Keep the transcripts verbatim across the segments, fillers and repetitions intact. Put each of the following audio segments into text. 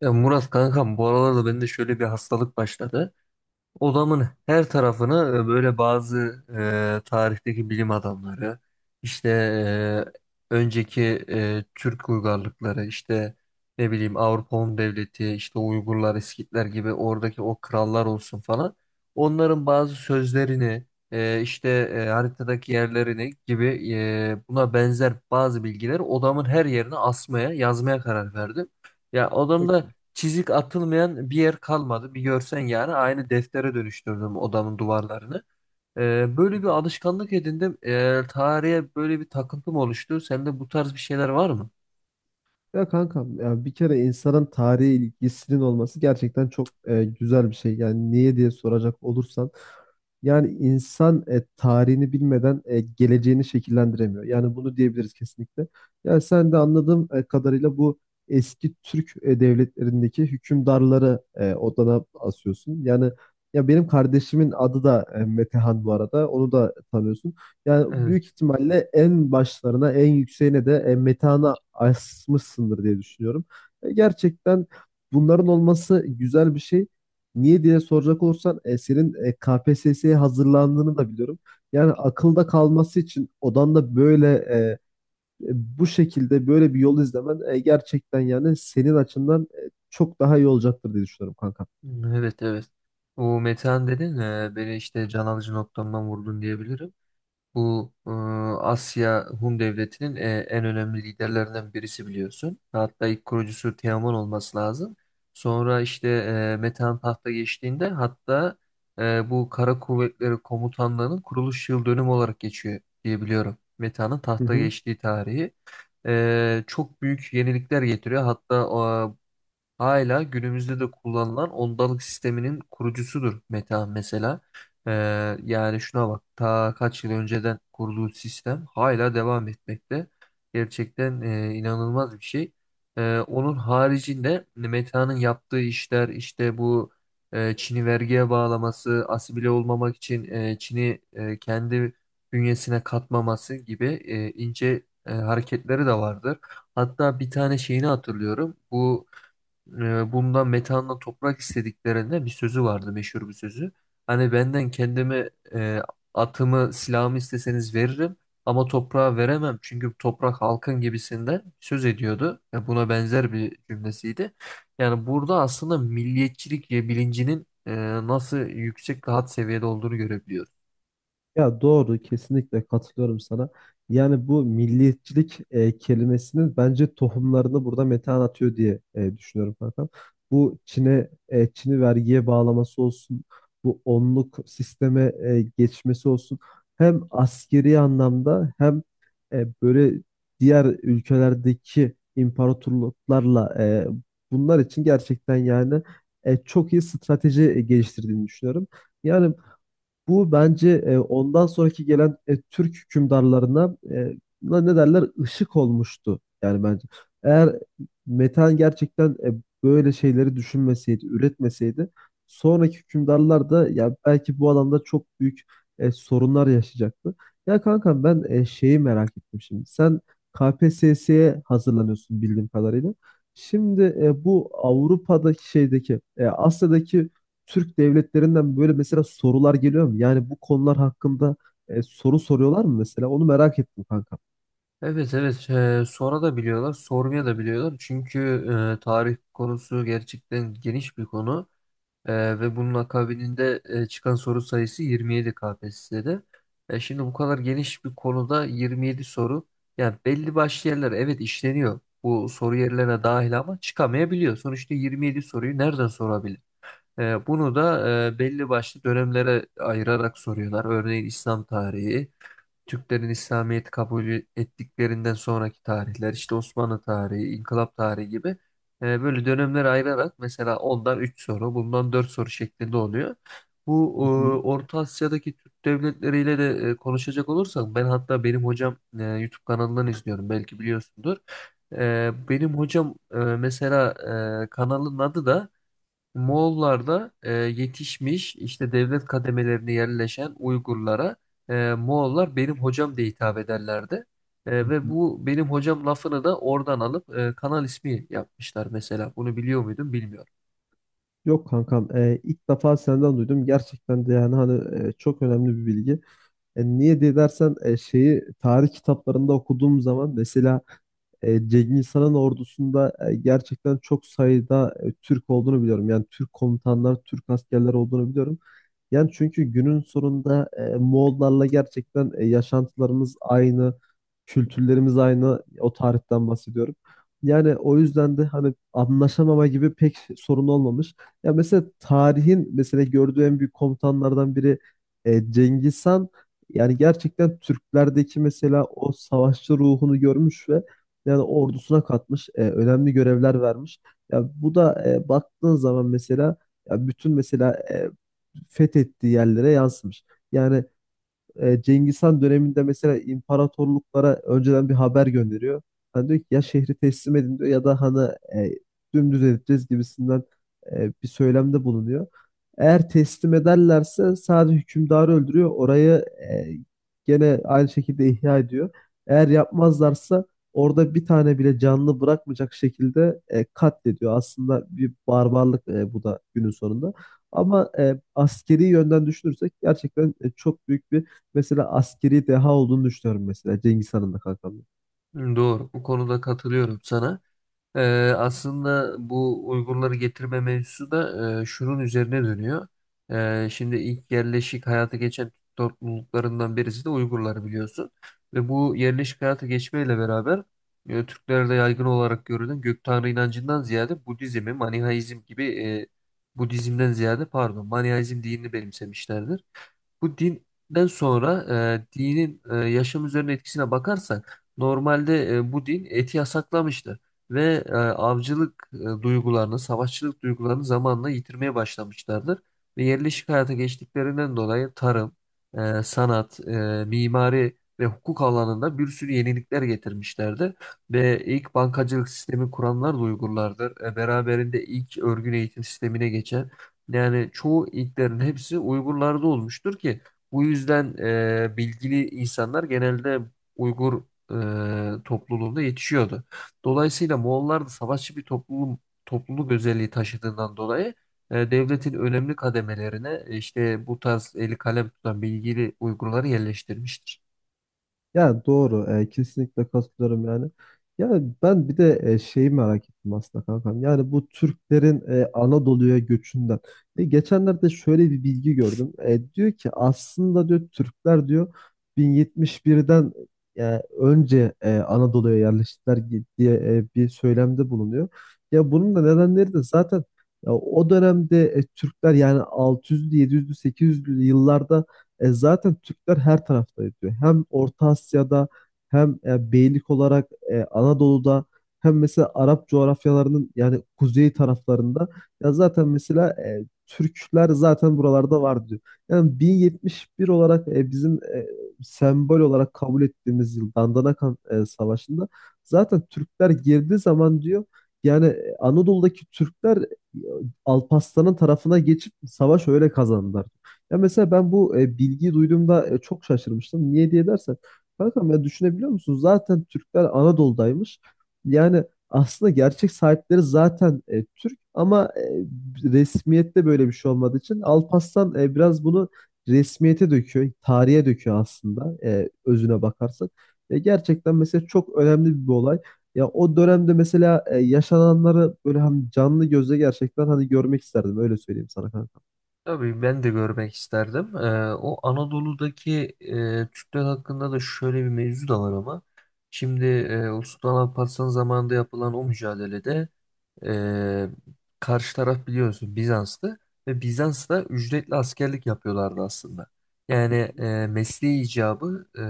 Ya Murat kankam, bu aralarda bende şöyle bir hastalık başladı. Odamın her tarafını e, böyle bazı e, tarihteki bilim adamları, işte e, önceki e, Türk uygarlıkları, işte ne bileyim Avrupa Hun Devleti, işte Uygurlar, İskitler gibi oradaki o krallar olsun falan. Onların bazı sözlerini, e, işte e, haritadaki yerlerini gibi e, buna benzer bazı bilgileri odamın her yerine asmaya, yazmaya karar verdim. Ya Çok odamda Yoksun. çizik atılmayan bir yer kalmadı. Bir görsen, yani aynı deftere dönüştürdüm odamın duvarlarını. Ee, böyle bir alışkanlık edindim. Ee, tarihe böyle bir takıntım oluştu. Sende bu tarz bir şeyler var mı? Ya kankam, ya bir kere insanın tarihe ilgisinin olması gerçekten çok e, güzel bir şey. Yani niye diye soracak olursan yani insan e, tarihini bilmeden e, geleceğini şekillendiremiyor. Yani bunu diyebiliriz kesinlikle. Yani sen de anladığım e, kadarıyla bu eski Türk e, devletlerindeki hükümdarları e, odana asıyorsun. Yani ya benim kardeşimin adı da e, Metehan bu arada. Onu da tanıyorsun. Yani Evet. büyük ihtimalle en başlarına, en yükseğine de e, metana asmışsındır diye düşünüyorum. E, gerçekten bunların olması güzel bir şey. Niye diye soracak olursan e, senin e, K P S S'ye hazırlandığını da biliyorum. Yani akılda kalması için odanda böyle e, e, bu şekilde böyle bir yol izlemen e, gerçekten yani senin açından e, çok daha iyi olacaktır diye düşünüyorum kanka. Evet, evet. O Metehan dedin, e, beni işte can alıcı noktamdan vurdun diyebilirim. Bu e, Asya Hun Devleti'nin e, en önemli liderlerinden birisi, biliyorsun. Hatta ilk kurucusu Teoman olması lazım. Sonra işte e, Metehan tahta geçtiğinde, hatta e, bu Kara Kuvvetleri Komutanlığı'nın kuruluş yıl dönümü olarak geçiyor diye biliyorum, Metehan'ın Hı tahta hı. geçtiği tarihi. E, çok büyük yenilikler getiriyor. Hatta hala günümüzde de kullanılan ondalık sisteminin kurucusudur Meta mesela. Ee, Yani şuna bak ta kaç yıl önceden kurduğu sistem hala devam etmekte. Gerçekten e, inanılmaz bir şey. Ee, onun haricinde Meta'nın yaptığı işler işte bu e, Çin'i vergiye bağlaması, asimile olmamak için e, Çin'i e, kendi bünyesine katmaması gibi e, ince e, hareketleri de vardır. Hatta bir tane şeyini hatırlıyorum. Bu e, bundan metanla toprak istediklerinde bir sözü vardı, meşhur bir sözü. Hani benden kendimi e, atımı, silahımı isteseniz veririm ama toprağa veremem çünkü toprak halkın gibisinden söz ediyordu. Ya buna benzer bir cümlesiydi. Yani burada aslında milliyetçilik bilincinin e, nasıl yüksek ve had seviyede olduğunu görebiliyoruz. Ya doğru, kesinlikle katılıyorum sana. Yani bu milliyetçilik e, kelimesinin bence tohumlarını burada Metehan atıyor diye e, düşünüyorum kankam. Bu Çin'e e, Çin'i vergiye bağlaması olsun, bu onluk sisteme e, geçmesi olsun. Hem askeri anlamda hem e, böyle diğer ülkelerdeki imparatorluklarla e, bunlar için gerçekten yani e, çok iyi strateji e, geliştirdiğini düşünüyorum. Yani bu bence e, ondan sonraki gelen e, Türk hükümdarlarına e, buna ne derler, ışık olmuştu yani bence. Eğer Metehan gerçekten e, böyle şeyleri düşünmeseydi, üretmeseydi sonraki hükümdarlar da ya belki bu alanda çok büyük e, sorunlar yaşayacaktı. Ya kankam, ben e, şeyi merak ettim şimdi. Sen K P S S'ye hazırlanıyorsun bildiğim kadarıyla. Şimdi e, bu Avrupa'daki şeydeki, e, Asya'daki Türk devletlerinden böyle mesela sorular geliyor mu? Yani bu konular hakkında e, soru soruyorlar mı mesela? Onu merak ettim kankam. Evet, evet, e, sonra da biliyorlar, sormaya da biliyorlar çünkü e, tarih konusu gerçekten geniş bir konu. Ee, ve bunun akabininde e, çıkan soru sayısı yirmi yedi K P S S'de. E, şimdi bu kadar geniş bir konuda yirmi yedi soru. Yani belli başlı yerler, evet, işleniyor. Bu soru yerlerine dahil ama çıkamayabiliyor. Sonuçta yirmi yedi soruyu nereden sorabilir? E, bunu da e, belli başlı dönemlere ayırarak soruyorlar. Örneğin İslam tarihi. Türklerin İslamiyet'i kabul ettiklerinden sonraki tarihler, işte Osmanlı tarihi, İnkılap tarihi gibi e, böyle dönemlere ayırarak mesela ondan üç soru, bundan dört soru şeklinde oluyor. Bu e, Hı hı, Orta Asya'daki Türk devletleriyle de e, konuşacak olursak, ben hatta benim hocam e, YouTube kanalından izliyorum, belki biliyorsundur. E, benim hocam, e, mesela e, kanalın adı da Moğollar da e, yetişmiş işte devlet kademelerine yerleşen Uygurlara e, Moğollar benim hocam diye hitap ederlerdi. hı E, ve hı. bu benim hocam lafını da oradan alıp e, kanal ismi yapmışlar mesela. Bunu biliyor muydun bilmiyorum. Yok kankam, e, ilk defa senden duydum. Gerçekten de yani hani e, çok önemli bir bilgi. E, niye diye dersen e, şeyi tarih kitaplarında okuduğum zaman mesela e, Cengiz Han'ın ordusunda e, gerçekten çok sayıda e, Türk olduğunu biliyorum. Yani Türk komutanlar, Türk askerler olduğunu biliyorum. Yani çünkü günün sonunda e, Moğollarla gerçekten e, yaşantılarımız aynı, kültürlerimiz aynı. O tarihten bahsediyorum. Yani o yüzden de hani anlaşamama gibi pek sorun olmamış. Ya mesela tarihin mesela gördüğü en büyük komutanlardan biri e, Cengiz Han. Yani gerçekten Türklerdeki mesela o savaşçı ruhunu görmüş ve yani ordusuna katmış, e, önemli görevler vermiş. Ya bu da e, baktığın zaman mesela ya bütün mesela e, fethettiği yerlere yazmış. Yani e, Cengiz Han döneminde mesela imparatorluklara önceden bir haber gönderiyor. Hani diyor ki ya şehri teslim edin diyor ya da hani e, dümdüz edeceğiz gibisinden e, bir söylemde bulunuyor. Eğer teslim ederlerse sadece hükümdarı öldürüyor. Orayı e, gene aynı şekilde ihya ediyor. Eğer yapmazlarsa orada bir tane bile canlı bırakmayacak şekilde e, katlediyor. Aslında bir barbarlık e, bu da günün sonunda. Ama e, askeri yönden düşünürsek gerçekten e, çok büyük bir mesela askeri deha olduğunu düşünüyorum mesela Cengiz Han'ın da kankam. Doğru. Bu konuda katılıyorum sana. Ee, aslında bu Uygurları getirme mevzusu da e, şunun üzerine dönüyor. Ee, şimdi ilk yerleşik hayata geçen Türk topluluklarından birisi de Uygurlar, biliyorsun. Ve bu yerleşik hayata geçmeyle beraber e, Türklerde yaygın olarak görülen gök tanrı inancından ziyade Budizmi, Manihaizm gibi e, Budizmden ziyade pardon, Manihaizm dinini benimsemişlerdir. Bu dinden sonra e, dinin e, yaşam üzerine etkisine bakarsak, normalde e, bu din eti yasaklamıştı ve e, avcılık e, duygularını, savaşçılık duygularını zamanla yitirmeye başlamışlardır. Ve yerleşik hayata geçtiklerinden dolayı tarım, e, sanat, e, mimari ve hukuk alanında bir sürü yenilikler getirmişlerdi. Ve ilk bankacılık sistemi kuranlar da Uygurlardır. E, beraberinde ilk örgün eğitim sistemine geçen, yani çoğu ilklerin hepsi Uygurlarda olmuştur ki bu yüzden e, bilgili insanlar genelde Uygur e, topluluğunda yetişiyordu. Dolayısıyla Moğollar da savaşçı bir topluluk, topluluk özelliği taşıdığından dolayı e, devletin önemli kademelerine e, işte bu tarz eli kalem tutan bilgili Uygurları yerleştirmiştir. Ya doğru, e, kesinlikle katılıyorum yani. Yani ben bir de e, şeyi merak ettim aslında kankam. Yani bu Türklerin e, Anadolu'ya göçünden. E, geçenlerde şöyle bir bilgi gördüm. E, diyor ki aslında, diyor Türkler, diyor bin yetmiş birden e, önce e, Anadolu'ya yerleştiler gi- diye e, bir söylemde bulunuyor. Ya bunun da nedenleri de zaten ya, o dönemde e, Türkler yani altı yüzlü, yedi yüzlü, sekiz yüzlü yıllarda e, zaten Türkler her tarafta diyor. Hem Orta Asya'da hem e, beylik olarak e, Anadolu'da hem mesela Arap coğrafyalarının yani kuzey taraflarında ya zaten mesela e, Türkler zaten buralarda var diyor. Yani bin yetmiş bir olarak e, bizim e, sembol olarak kabul ettiğimiz yıl Dandanakan e, Savaşı'nda zaten Türkler girdiği zaman diyor yani e, Anadolu'daki Türkler e, Alparslan'ın tarafına geçip savaş öyle kazandılar. Ya mesela ben bu e, bilgiyi duyduğumda e, çok şaşırmıştım. Niye diye dersen, kankam, ya düşünebiliyor musun? Zaten Türkler Anadolu'daymış. Yani aslında gerçek sahipleri zaten e, Türk ama e, resmiyette böyle bir şey olmadığı için Alparslan e, biraz bunu resmiyete döküyor, tarihe döküyor aslında e, özüne bakarsak. E, gerçekten mesela çok önemli bir olay. Ya o dönemde mesela e, yaşananları böyle hani canlı gözle gerçekten hani görmek isterdim, öyle söyleyeyim sana kanka. Tabii ben de görmek isterdim. Ee, o Anadolu'daki e, Türkler hakkında da şöyle bir mevzu da var ama. Şimdi e, o Sultan Alparslan zamanında yapılan o mücadelede e, karşı taraf, biliyorsun, Bizans'tı ve Bizans'ta ücretli askerlik yapıyorlardı aslında. Yani e, mesleği icabı e,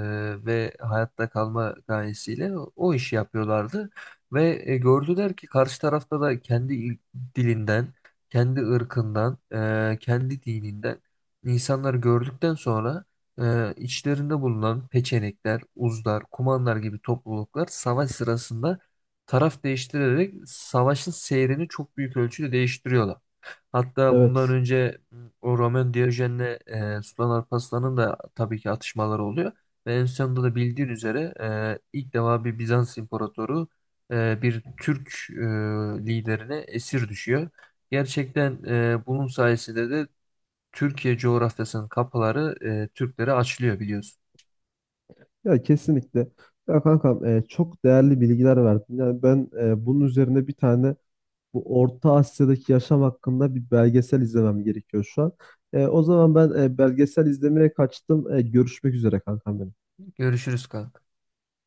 ve hayatta kalma gayesiyle o işi yapıyorlardı ve e, gördüler ki karşı tarafta da kendi il- dilinden, kendi ırkından, e, kendi dininden insanları gördükten sonra e, içlerinde bulunan peçenekler, uzlar, kumanlar gibi topluluklar savaş sırasında taraf değiştirerek savaşın seyrini çok büyük ölçüde değiştiriyorlar. Hatta bundan Evet. önce o Romain Diyojen'le e, Sultan Alparslan'ın da tabii ki atışmaları oluyor. Ve en sonunda da, bildiğin üzere, e, ilk defa bir Bizans imparatoru e, bir Türk e, liderine esir düşüyor. Gerçekten e, bunun sayesinde de Türkiye coğrafyasının kapıları e, Türklere açılıyor, biliyorsun. Ya kesinlikle. Ya kankam, e, çok değerli bilgiler verdin. Yani ben e, bunun üzerine bir tane bu Orta Asya'daki yaşam hakkında bir belgesel izlemem gerekiyor şu an. E, o zaman ben e, belgesel izlemeye kaçtım. E, görüşmek üzere kankam benim. Görüşürüz kanka.